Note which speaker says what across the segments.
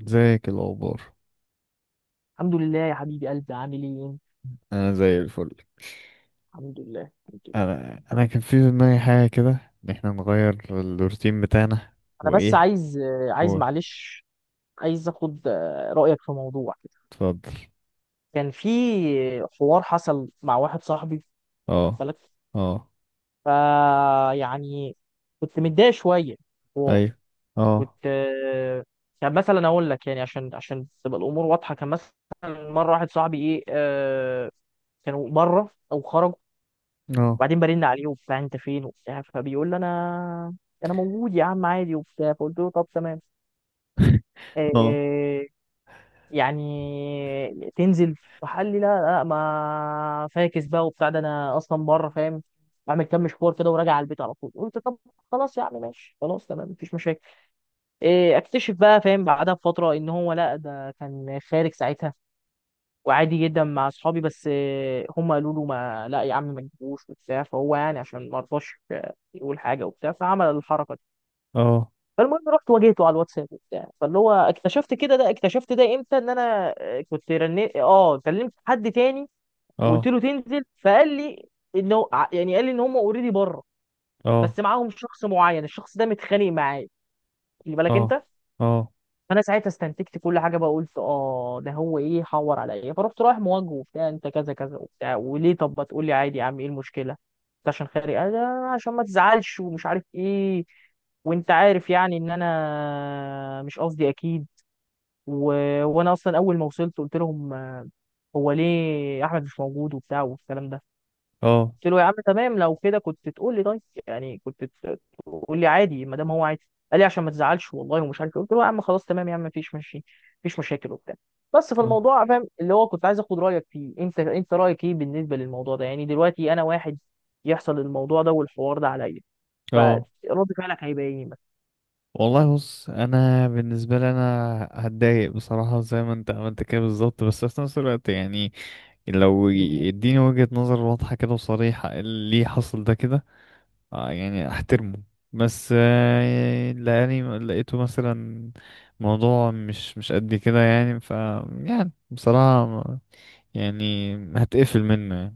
Speaker 1: ازيك الاخبار؟
Speaker 2: الحمد لله يا حبيبي، قلبي عامل ايه انت؟
Speaker 1: انا زي الفل.
Speaker 2: الحمد لله. الحمد لله.
Speaker 1: انا كان في دماغي حاجه كده، ان احنا نغير الروتين بتاعنا.
Speaker 2: انا بس
Speaker 1: وايه؟
Speaker 2: عايز
Speaker 1: هو
Speaker 2: معلش، عايز اخد رايك في موضوع كده.
Speaker 1: اتفضل.
Speaker 2: كان في حوار حصل مع واحد صاحبي، واخد
Speaker 1: اه.
Speaker 2: بالك.
Speaker 1: اه.
Speaker 2: فا يعني كنت متضايق شويه، حوار.
Speaker 1: ايوه. اه.
Speaker 2: كنت، كان مثلا اقول لك، يعني عشان تبقى الامور واضحه. كان مثلا مره واحد صاحبي ايه كانوا بره او خرجوا،
Speaker 1: اه.
Speaker 2: وبعدين برن عليه وبتاع انت فين وبتاع، فبيقول لي انا موجود يا عم عادي وبتاع. فقلت له طب تمام،
Speaker 1: اه.
Speaker 2: إيه يعني تنزل؟ فقال لي لا لا، ما فاكس بقى وبتاع، ده انا اصلا بره فاهم، بعمل كام مشوار كده وراجع على البيت على طول. قلت طب خلاص يا عم ماشي، خلاص تمام مفيش مشاكل. إيه، اكتشف بقى فاهم بعدها بفتره ان هو لا، ده كان خارج ساعتها، وعادي جدا مع اصحابي، بس هم قالوا له ما لا يا عم ما تجيبوش وبتاع، فهو يعني عشان ما رضاش يقول حاجه وبتاع فعمل الحركه دي.
Speaker 1: اه.
Speaker 2: فالمهم رحت واجهته على الواتساب وبتاع، فاللي هو اكتشفت كده، ده اكتشفت ده امتى، ان انا كنت رنيت، اه كلمت حد تاني وقلت
Speaker 1: اه.
Speaker 2: له تنزل. فقال لي انه يعني قال لي ان هم اوريدي بره،
Speaker 1: اه.
Speaker 2: بس معاهم شخص معين، الشخص ده متخانق معايا، خلي
Speaker 1: اه.
Speaker 2: بالك
Speaker 1: اه.
Speaker 2: انت.
Speaker 1: اه.
Speaker 2: فانا ساعتها استنتجت كل حاجه بقى. قلت اه ده هو ايه حور عليا. فرحت رايح مواجهه وبتاع، انت كذا كذا وبتاع وليه، طب ما تقول لي عادي يا عم، ايه المشكله انت عشان خارج؟ قال لا، عشان ما تزعلش ومش عارف ايه، وانت عارف يعني ان انا مش قصدي اكيد. و... وانا اصلا اول ما وصلت قلت لهم هو ليه احمد مش موجود وبتاع والكلام ده.
Speaker 1: اه.
Speaker 2: قلت له يا عم تمام، لو كده كنت تقول لي، طيب يعني كنت تقول لي عادي ما دام هو عادي. قال لي عشان ما تزعلش والله ومش عارف إيه. قلت له يا عم خلاص تمام يا عم مفيش ماشي، مفيش مشاكل وبتاع. بس في الموضوع فاهم اللي هو كنت عايز اخد رايك فيه، انت رايك ايه بالنسبه للموضوع ده؟ يعني دلوقتي انا واحد يحصل الموضوع ده والحوار ده عليا، فرد
Speaker 1: اه.
Speaker 2: فعلك هيبقى ايه مثلا؟
Speaker 1: والله، بص، انا بالنسبه لي انا هتضايق بصراحه زي ما انت عملت كده بالظبط، بس في نفس الوقت يعني لو
Speaker 2: مم،
Speaker 1: يديني وجهه نظر واضحه كده وصريحه إيه اللي حصل ده كده، اه يعني احترمه. بس لاني لقيته مثلا موضوع مش قد كده يعني يعني بصراحة يعني هتقفل منه يعني.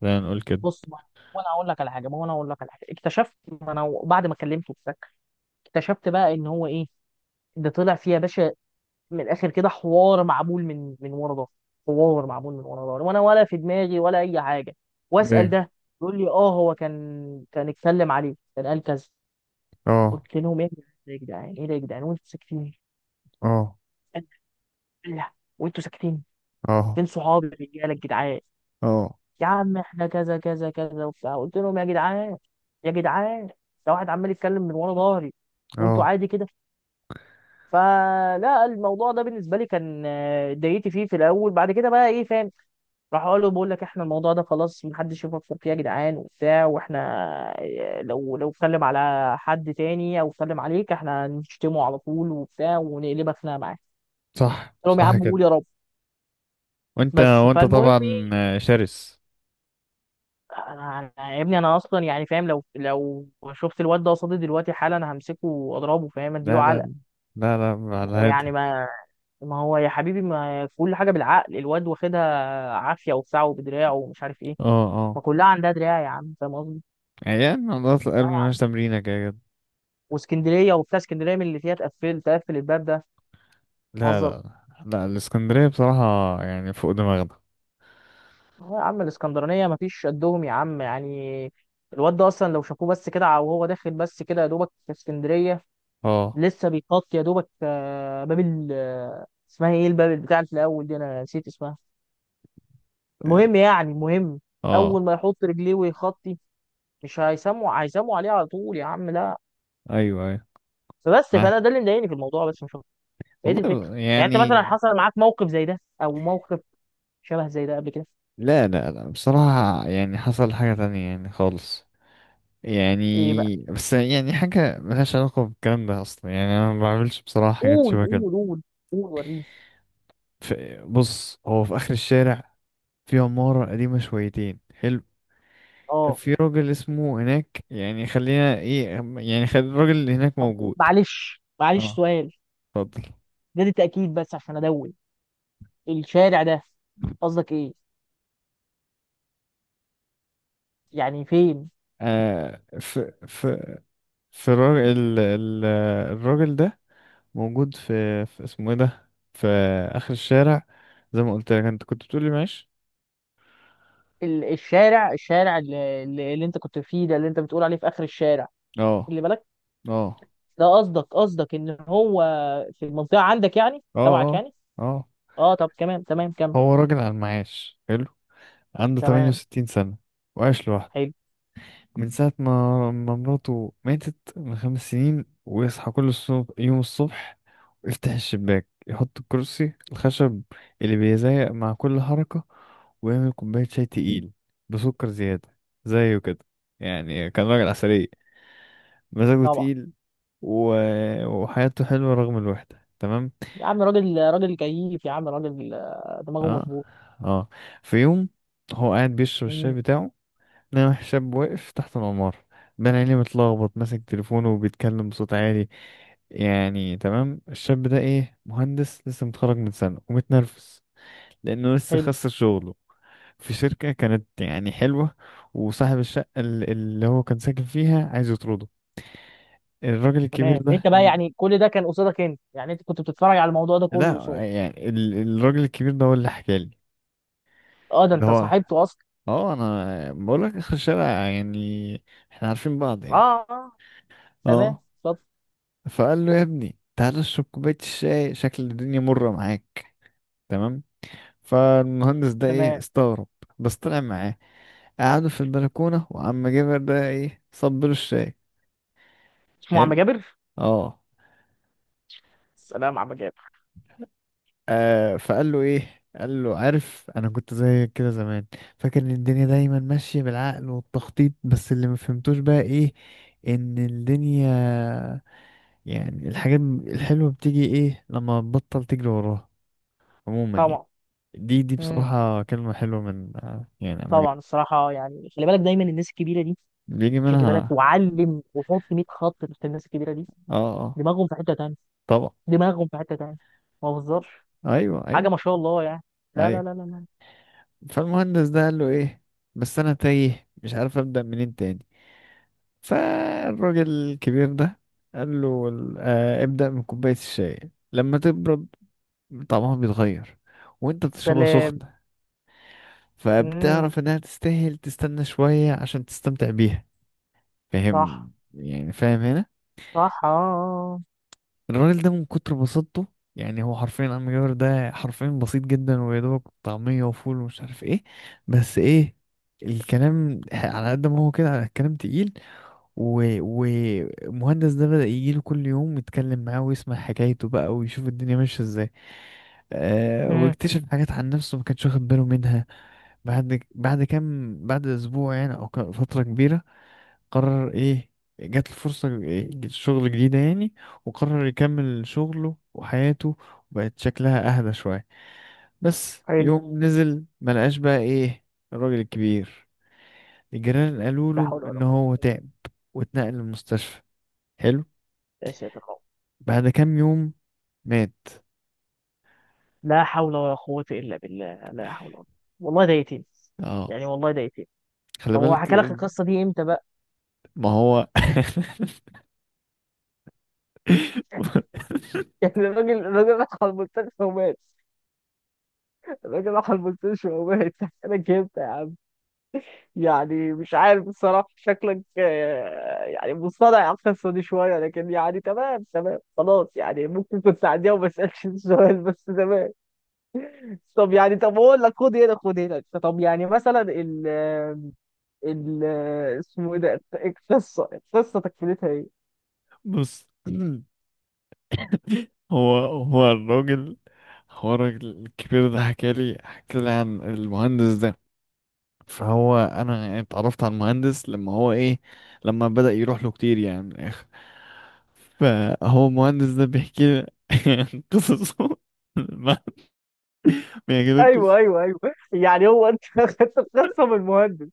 Speaker 1: خلينا نقول كده.
Speaker 2: بص ما، وانا اقول لك على حاجه، ما هو انا اقول لك على حاجه اكتشفت، ما انا بعد ما كلمته وبتاع، اكتشفت بقى ان هو ايه، ده طلع فيه يا باشا، من الاخر كده، حوار معمول من ورا ظهري. حوار معمول من ورا ظهري وانا ولا في دماغي ولا اي حاجه. واسال
Speaker 1: ايه.
Speaker 2: ده يقول لي اه، هو كان اتكلم عليه كان قال كذا.
Speaker 1: اه.
Speaker 2: قلت لهم ايه يا جدعان، ايه ده يا جدعان وانتوا ساكتين؟
Speaker 1: اه.
Speaker 2: قال لا. وانتوا ساكتين؟
Speaker 1: اه.
Speaker 2: فين صحابي الرجاله الجدعان؟
Speaker 1: اه.
Speaker 2: يا عم احنا كذا كذا كذا وبتاع. قلت لهم يا جدعان، يا جدعان، ده واحد عمال يتكلم من ورا ظهري وانتوا
Speaker 1: اه.
Speaker 2: عادي كده؟ فلا، الموضوع ده بالنسبه لي كان اتضايقت فيه في الاول، بعد كده بقى ايه فاهم، راح اقول له بقول لك احنا الموضوع ده خلاص محدش يفكر فيه يا جدعان وبتاع، واحنا لو اتكلم على حد تاني او اتكلم عليك احنا هنشتمه على طول وبتاع ونقلبك خناقه معاه.
Speaker 1: صح،
Speaker 2: قلت لهم يا
Speaker 1: صح
Speaker 2: عم
Speaker 1: كده.
Speaker 2: قول يا رب.
Speaker 1: وانت
Speaker 2: بس
Speaker 1: وانت
Speaker 2: فالمهم
Speaker 1: طبعا
Speaker 2: ايه،
Speaker 1: شرس.
Speaker 2: يا ابني انا اصلا يعني فاهم، لو شفت الواد ده قصادي دلوقتي حالا همسكه واضربه فاهم،
Speaker 1: لا،
Speaker 2: اديله
Speaker 1: لا،
Speaker 2: علقه.
Speaker 1: لا، لا
Speaker 2: ما
Speaker 1: على
Speaker 2: هو يعني،
Speaker 1: هذا.
Speaker 2: ما هو يا حبيبي ما كل حاجه بالعقل. الواد واخدها عافيه وبتاع وبدراع ومش عارف ايه.
Speaker 1: اه. اه.
Speaker 2: ما كلها عندها دراع يا عم فاهم قصدي.
Speaker 1: يعني عضلات القلب
Speaker 2: دراع يا عم.
Speaker 1: ملهاش تمرينة كده كده.
Speaker 2: واسكندريه وبتاع، اسكندريه من اللي فيها تقفل الباب ده،
Speaker 1: لا،
Speaker 2: هزر.
Speaker 1: لا، لا، الاسكندرية بصراحة يعني فوق دماغنا.
Speaker 2: هو يا عم الاسكندرانيه ما فيش قدهم يا عم يعني. الواد ده اصلا لو شافوه بس كده وهو داخل بس كده يا دوبك في اسكندريه،
Speaker 1: اه.
Speaker 2: لسه بيغطي يا دوبك باب ال اسمها ايه، الباب بتاع اللي في الاول دي انا نسيت اسمها. المهم يعني المهم،
Speaker 1: اه.
Speaker 2: اول ما يحط رجليه ويخطي مش هيسموا عليه على طول يا عم، لا.
Speaker 1: ايوه، ايوه،
Speaker 2: فبس
Speaker 1: معاك
Speaker 2: فانا ده اللي مضايقني في الموضوع بس مش، هي دي الفكره.
Speaker 1: والله
Speaker 2: يعني انت مثلا
Speaker 1: يعني.
Speaker 2: حصل معاك موقف زي ده او موقف شبه زي ده قبل كده؟
Speaker 1: لا، لا، لا، بصراحة يعني حصل حاجة تانية يعني خالص.
Speaker 2: ايه بقى؟
Speaker 1: يعني بس يعني حاجة ملهاش علاقة بالكلام ده أصلا، يعني أنا ما بعملش بصراحة حاجات
Speaker 2: قول
Speaker 1: شبه كده.
Speaker 2: قول قول قول وريني.
Speaker 1: ف- بص، هو في آخر الشارع، في عمارة قديمة شويتين حلو. كان
Speaker 2: اه
Speaker 1: في راجل اسمه هناك، يعني خلينا ايه، يعني خلي الراجل اللي هناك موجود.
Speaker 2: معلش معلش
Speaker 1: اه.
Speaker 2: سؤال،
Speaker 1: اتفضل.
Speaker 2: ده دي تاكيد بس عشان ادون، الشارع ده قصدك ايه يعني فين؟
Speaker 1: آه في في في الراجل الراجل ده موجود، في اسمه ايه ده، في اخر الشارع، زي ما قلت لك انت كنت بتقولي معاش.
Speaker 2: الشارع اللي انت كنت فيه، ده اللي انت بتقول عليه في اخر الشارع
Speaker 1: اه.
Speaker 2: اللي بالك؟
Speaker 1: اه.
Speaker 2: ده قصدك ان هو في المنطقه عندك يعني
Speaker 1: اه.
Speaker 2: تبعك
Speaker 1: اه.
Speaker 2: يعني؟
Speaker 1: اه.
Speaker 2: اه طب تمام تمام كم.
Speaker 1: هو راجل على المعاش، حلو. عنده
Speaker 2: تمام.
Speaker 1: 68 سنة وعايش لوحده
Speaker 2: حلو.
Speaker 1: من ساعة ما مراته ماتت من 5 سنين. ويصحى كل الصبح يوم الصبح، ويفتح الشباك، يحط الكرسي الخشب اللي بيزيق مع كل حركة، ويعمل كوباية شاي تقيل بسكر زيادة زيه كده. يعني كان راجل عسلية، مزاجه
Speaker 2: طبعا.
Speaker 1: تقيل، و... وحياته حلوة رغم الوحدة، تمام.
Speaker 2: يا عم راجل كيف يا عم، راجل دماغه
Speaker 1: اه.
Speaker 2: مظبوط.
Speaker 1: اه. في يوم، هو قاعد بيشرب
Speaker 2: مم،
Speaker 1: الشاي بتاعه، لقى شاب واقف تحت العمارة، بين عينيه متلخبط، ماسك تليفونه وبيتكلم بصوت عالي. يعني تمام، الشاب ده ايه، مهندس لسه متخرج من سنة ومتنرفز لأنه لسه
Speaker 2: حلو.
Speaker 1: خسر شغله في شركة كانت يعني حلوة. وصاحب الشقة اللي هو كان ساكن فيها عايز يطرده، الراجل
Speaker 2: تمام.
Speaker 1: الكبير
Speaker 2: انت
Speaker 1: ده.
Speaker 2: بقى يعني كل ده كان قصادك انت يعني، انت كنت بتتفرج على الموضوع ده كله
Speaker 1: لا،
Speaker 2: قصاد؟
Speaker 1: يعني الراجل الكبير ده هو اللي حكالي.
Speaker 2: اه ده
Speaker 1: ده
Speaker 2: انت
Speaker 1: هو.
Speaker 2: صاحبته اصلا.
Speaker 1: اه، انا بقول لك اخر الشارع يعني احنا عارفين بعض يعني.
Speaker 2: اه اه. تمام
Speaker 1: اه.
Speaker 2: اتفضل.
Speaker 1: فقال له: يا ابني، تعالى اشرب كوبايه الشاي، شكل الدنيا مره معاك. تمام. فالمهندس ده ايه،
Speaker 2: تمام.
Speaker 1: استغرب بس طلع معاه. قعدوا في البلكونه، وعم جابر ده ايه، صب له الشاي.
Speaker 2: اسمه عم
Speaker 1: حلو.
Speaker 2: جابر؟
Speaker 1: اه.
Speaker 2: سلام عم جابر.
Speaker 1: فقال له ايه، قال له: عارف، انا كنت زي كده زمان، فاكر ان الدنيا دايما ماشيه بالعقل والتخطيط، بس اللي ما فهمتوش بقى ايه، ان الدنيا يعني الحاجات الحلوة بتيجي ايه لما تبطل تجري وراها، عموما يعني.
Speaker 2: طبعا.
Speaker 1: دي
Speaker 2: مم.
Speaker 1: بصراحة كلمة حلوة من يعني
Speaker 2: طبعا الصراحه يعني خلي بالك، دايما الناس الكبيره دي،
Speaker 1: بيجي
Speaker 2: خلي بالك
Speaker 1: منها.
Speaker 2: وعلم وحط 100 خط تحت الناس الكبيره دي.
Speaker 1: اه. اه.
Speaker 2: دماغهم في حته تانيه.
Speaker 1: طبعا.
Speaker 2: دماغهم في حته تانيه. ما بهزرش
Speaker 1: ايوه،
Speaker 2: حاجه
Speaker 1: ايوه،
Speaker 2: ما شاء الله يعني. لا لا
Speaker 1: ايوه.
Speaker 2: لا لا لا.
Speaker 1: فالمهندس ده قال له ايه: بس انا تايه مش عارف ابدأ منين تاني. فالراجل الكبير ده قال له: ابدأ من كوباية الشاي، لما تبرد طعمها بيتغير، وانت بتشربها
Speaker 2: سلام.
Speaker 1: سخنة
Speaker 2: مم.
Speaker 1: فبتعرف انها تستاهل تستنى شوية عشان تستمتع بيها.
Speaker 2: صح.
Speaker 1: فاهم؟ يعني فاهم هنا؟
Speaker 2: صح اه.
Speaker 1: الراجل ده من كتر بساطته، يعني هو حرفيا عم جابر ده حرفيا بسيط جدا ويا دوبك طعمية وفول ومش عارف ايه. بس ايه، الكلام على قد ما هو كده على الكلام تقيل. و- ومهندس ده بدأ يجيله كل يوم يتكلم معاه ويسمع حكايته بقى ويشوف الدنيا ماشية ازاي. آه،
Speaker 2: امم.
Speaker 1: واكتشف حاجات عن نفسه ما كانش واخد باله منها. بعد كام بعد اسبوع يعني، او فترة كبيرة، قرر ايه، جات له فرصة شغل جديدة يعني. وقرر يكمل شغله وحياته، وبقت شكلها اهدى شوية. بس
Speaker 2: حلو.
Speaker 1: يوم نزل ملقاش بقى ايه الراجل الكبير. الجيران قالوا
Speaker 2: لا
Speaker 1: له
Speaker 2: حول ولا
Speaker 1: ان
Speaker 2: قوة.
Speaker 1: هو تعب واتنقل المستشفى. حلو.
Speaker 2: يا ساتر يا رب.
Speaker 1: بعد كام يوم مات.
Speaker 2: لا حول ولا قوة إلا بالله، لا حول ولا. والله ده يتيم.
Speaker 1: اه.
Speaker 2: يعني والله ده يتيم.
Speaker 1: خلي
Speaker 2: طب هو
Speaker 1: بالك.
Speaker 2: حكى لك القصة دي امتى بقى؟
Speaker 1: ما هو.
Speaker 2: يعني الراجل راح على المستشفى ومات. الراجل راح على المستشفى ومات حكى لك امتى يا عم؟ يعني مش عارف الصراحة، شكلك يعني مصطنع على القصة دي شوية، لكن يعني تمام تمام خلاص يعني، ممكن كنت تعديها وما اسألش السؤال، بس تمام. طب يعني، طب اقول لك، خد هنا خد هنا، طب يعني مثلا ال ال اسمه ايه ده؟ القصه تكملتها ايه؟
Speaker 1: بص، هو الراجل، هو الراجل الكبير ده حكى لي، حكى لي عن المهندس ده. فهو انا يعني اتعرفت على المهندس لما هو ايه، لما بدأ يروح له كتير يعني من الاخر. فهو المهندس ده بيحكي لي قصصه ما بيحكي لي
Speaker 2: ايوه
Speaker 1: قصص.
Speaker 2: ايوه ايوه. يعني هو انت خدت القصه من المهندس؟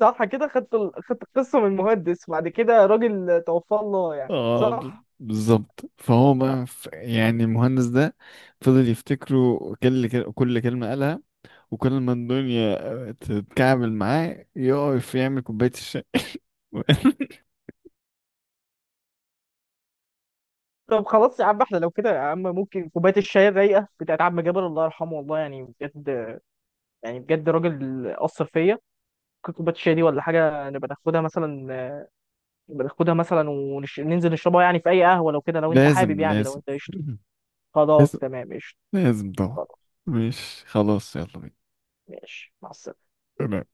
Speaker 2: صح كده؟ خدت خدت القصه من المهندس وبعد كده راجل توفاه الله يعني
Speaker 1: اه.
Speaker 2: صح؟
Speaker 1: بالظبط. فهو بقى يعني المهندس ده فضل يفتكره، كل كلمة قالها، وكل ما الدنيا تتكعبل معاه يقف يعمل كوباية الشاي.
Speaker 2: طب خلاص يا عم احنا لو كده يا عم ممكن كوبايه الشاي الرايقه بتاعت عم جابر الله يرحمه، والله يعني بجد، يعني بجد راجل اثر فيا، ممكن كوبايه الشاي دي ولا حاجه نبقى ناخدها مثلا، بناخدها مثلا وننزل نشربها يعني في اي قهوه لو كده، لو انت حابب،
Speaker 1: لازم،
Speaker 2: يعني لو
Speaker 1: لازم.
Speaker 2: انت قشطه. خلاص تمام قشطه.
Speaker 1: لازم طبعا.
Speaker 2: خلاص.
Speaker 1: مش خلاص، يلا
Speaker 2: ماشي مع السلامه.
Speaker 1: بينا.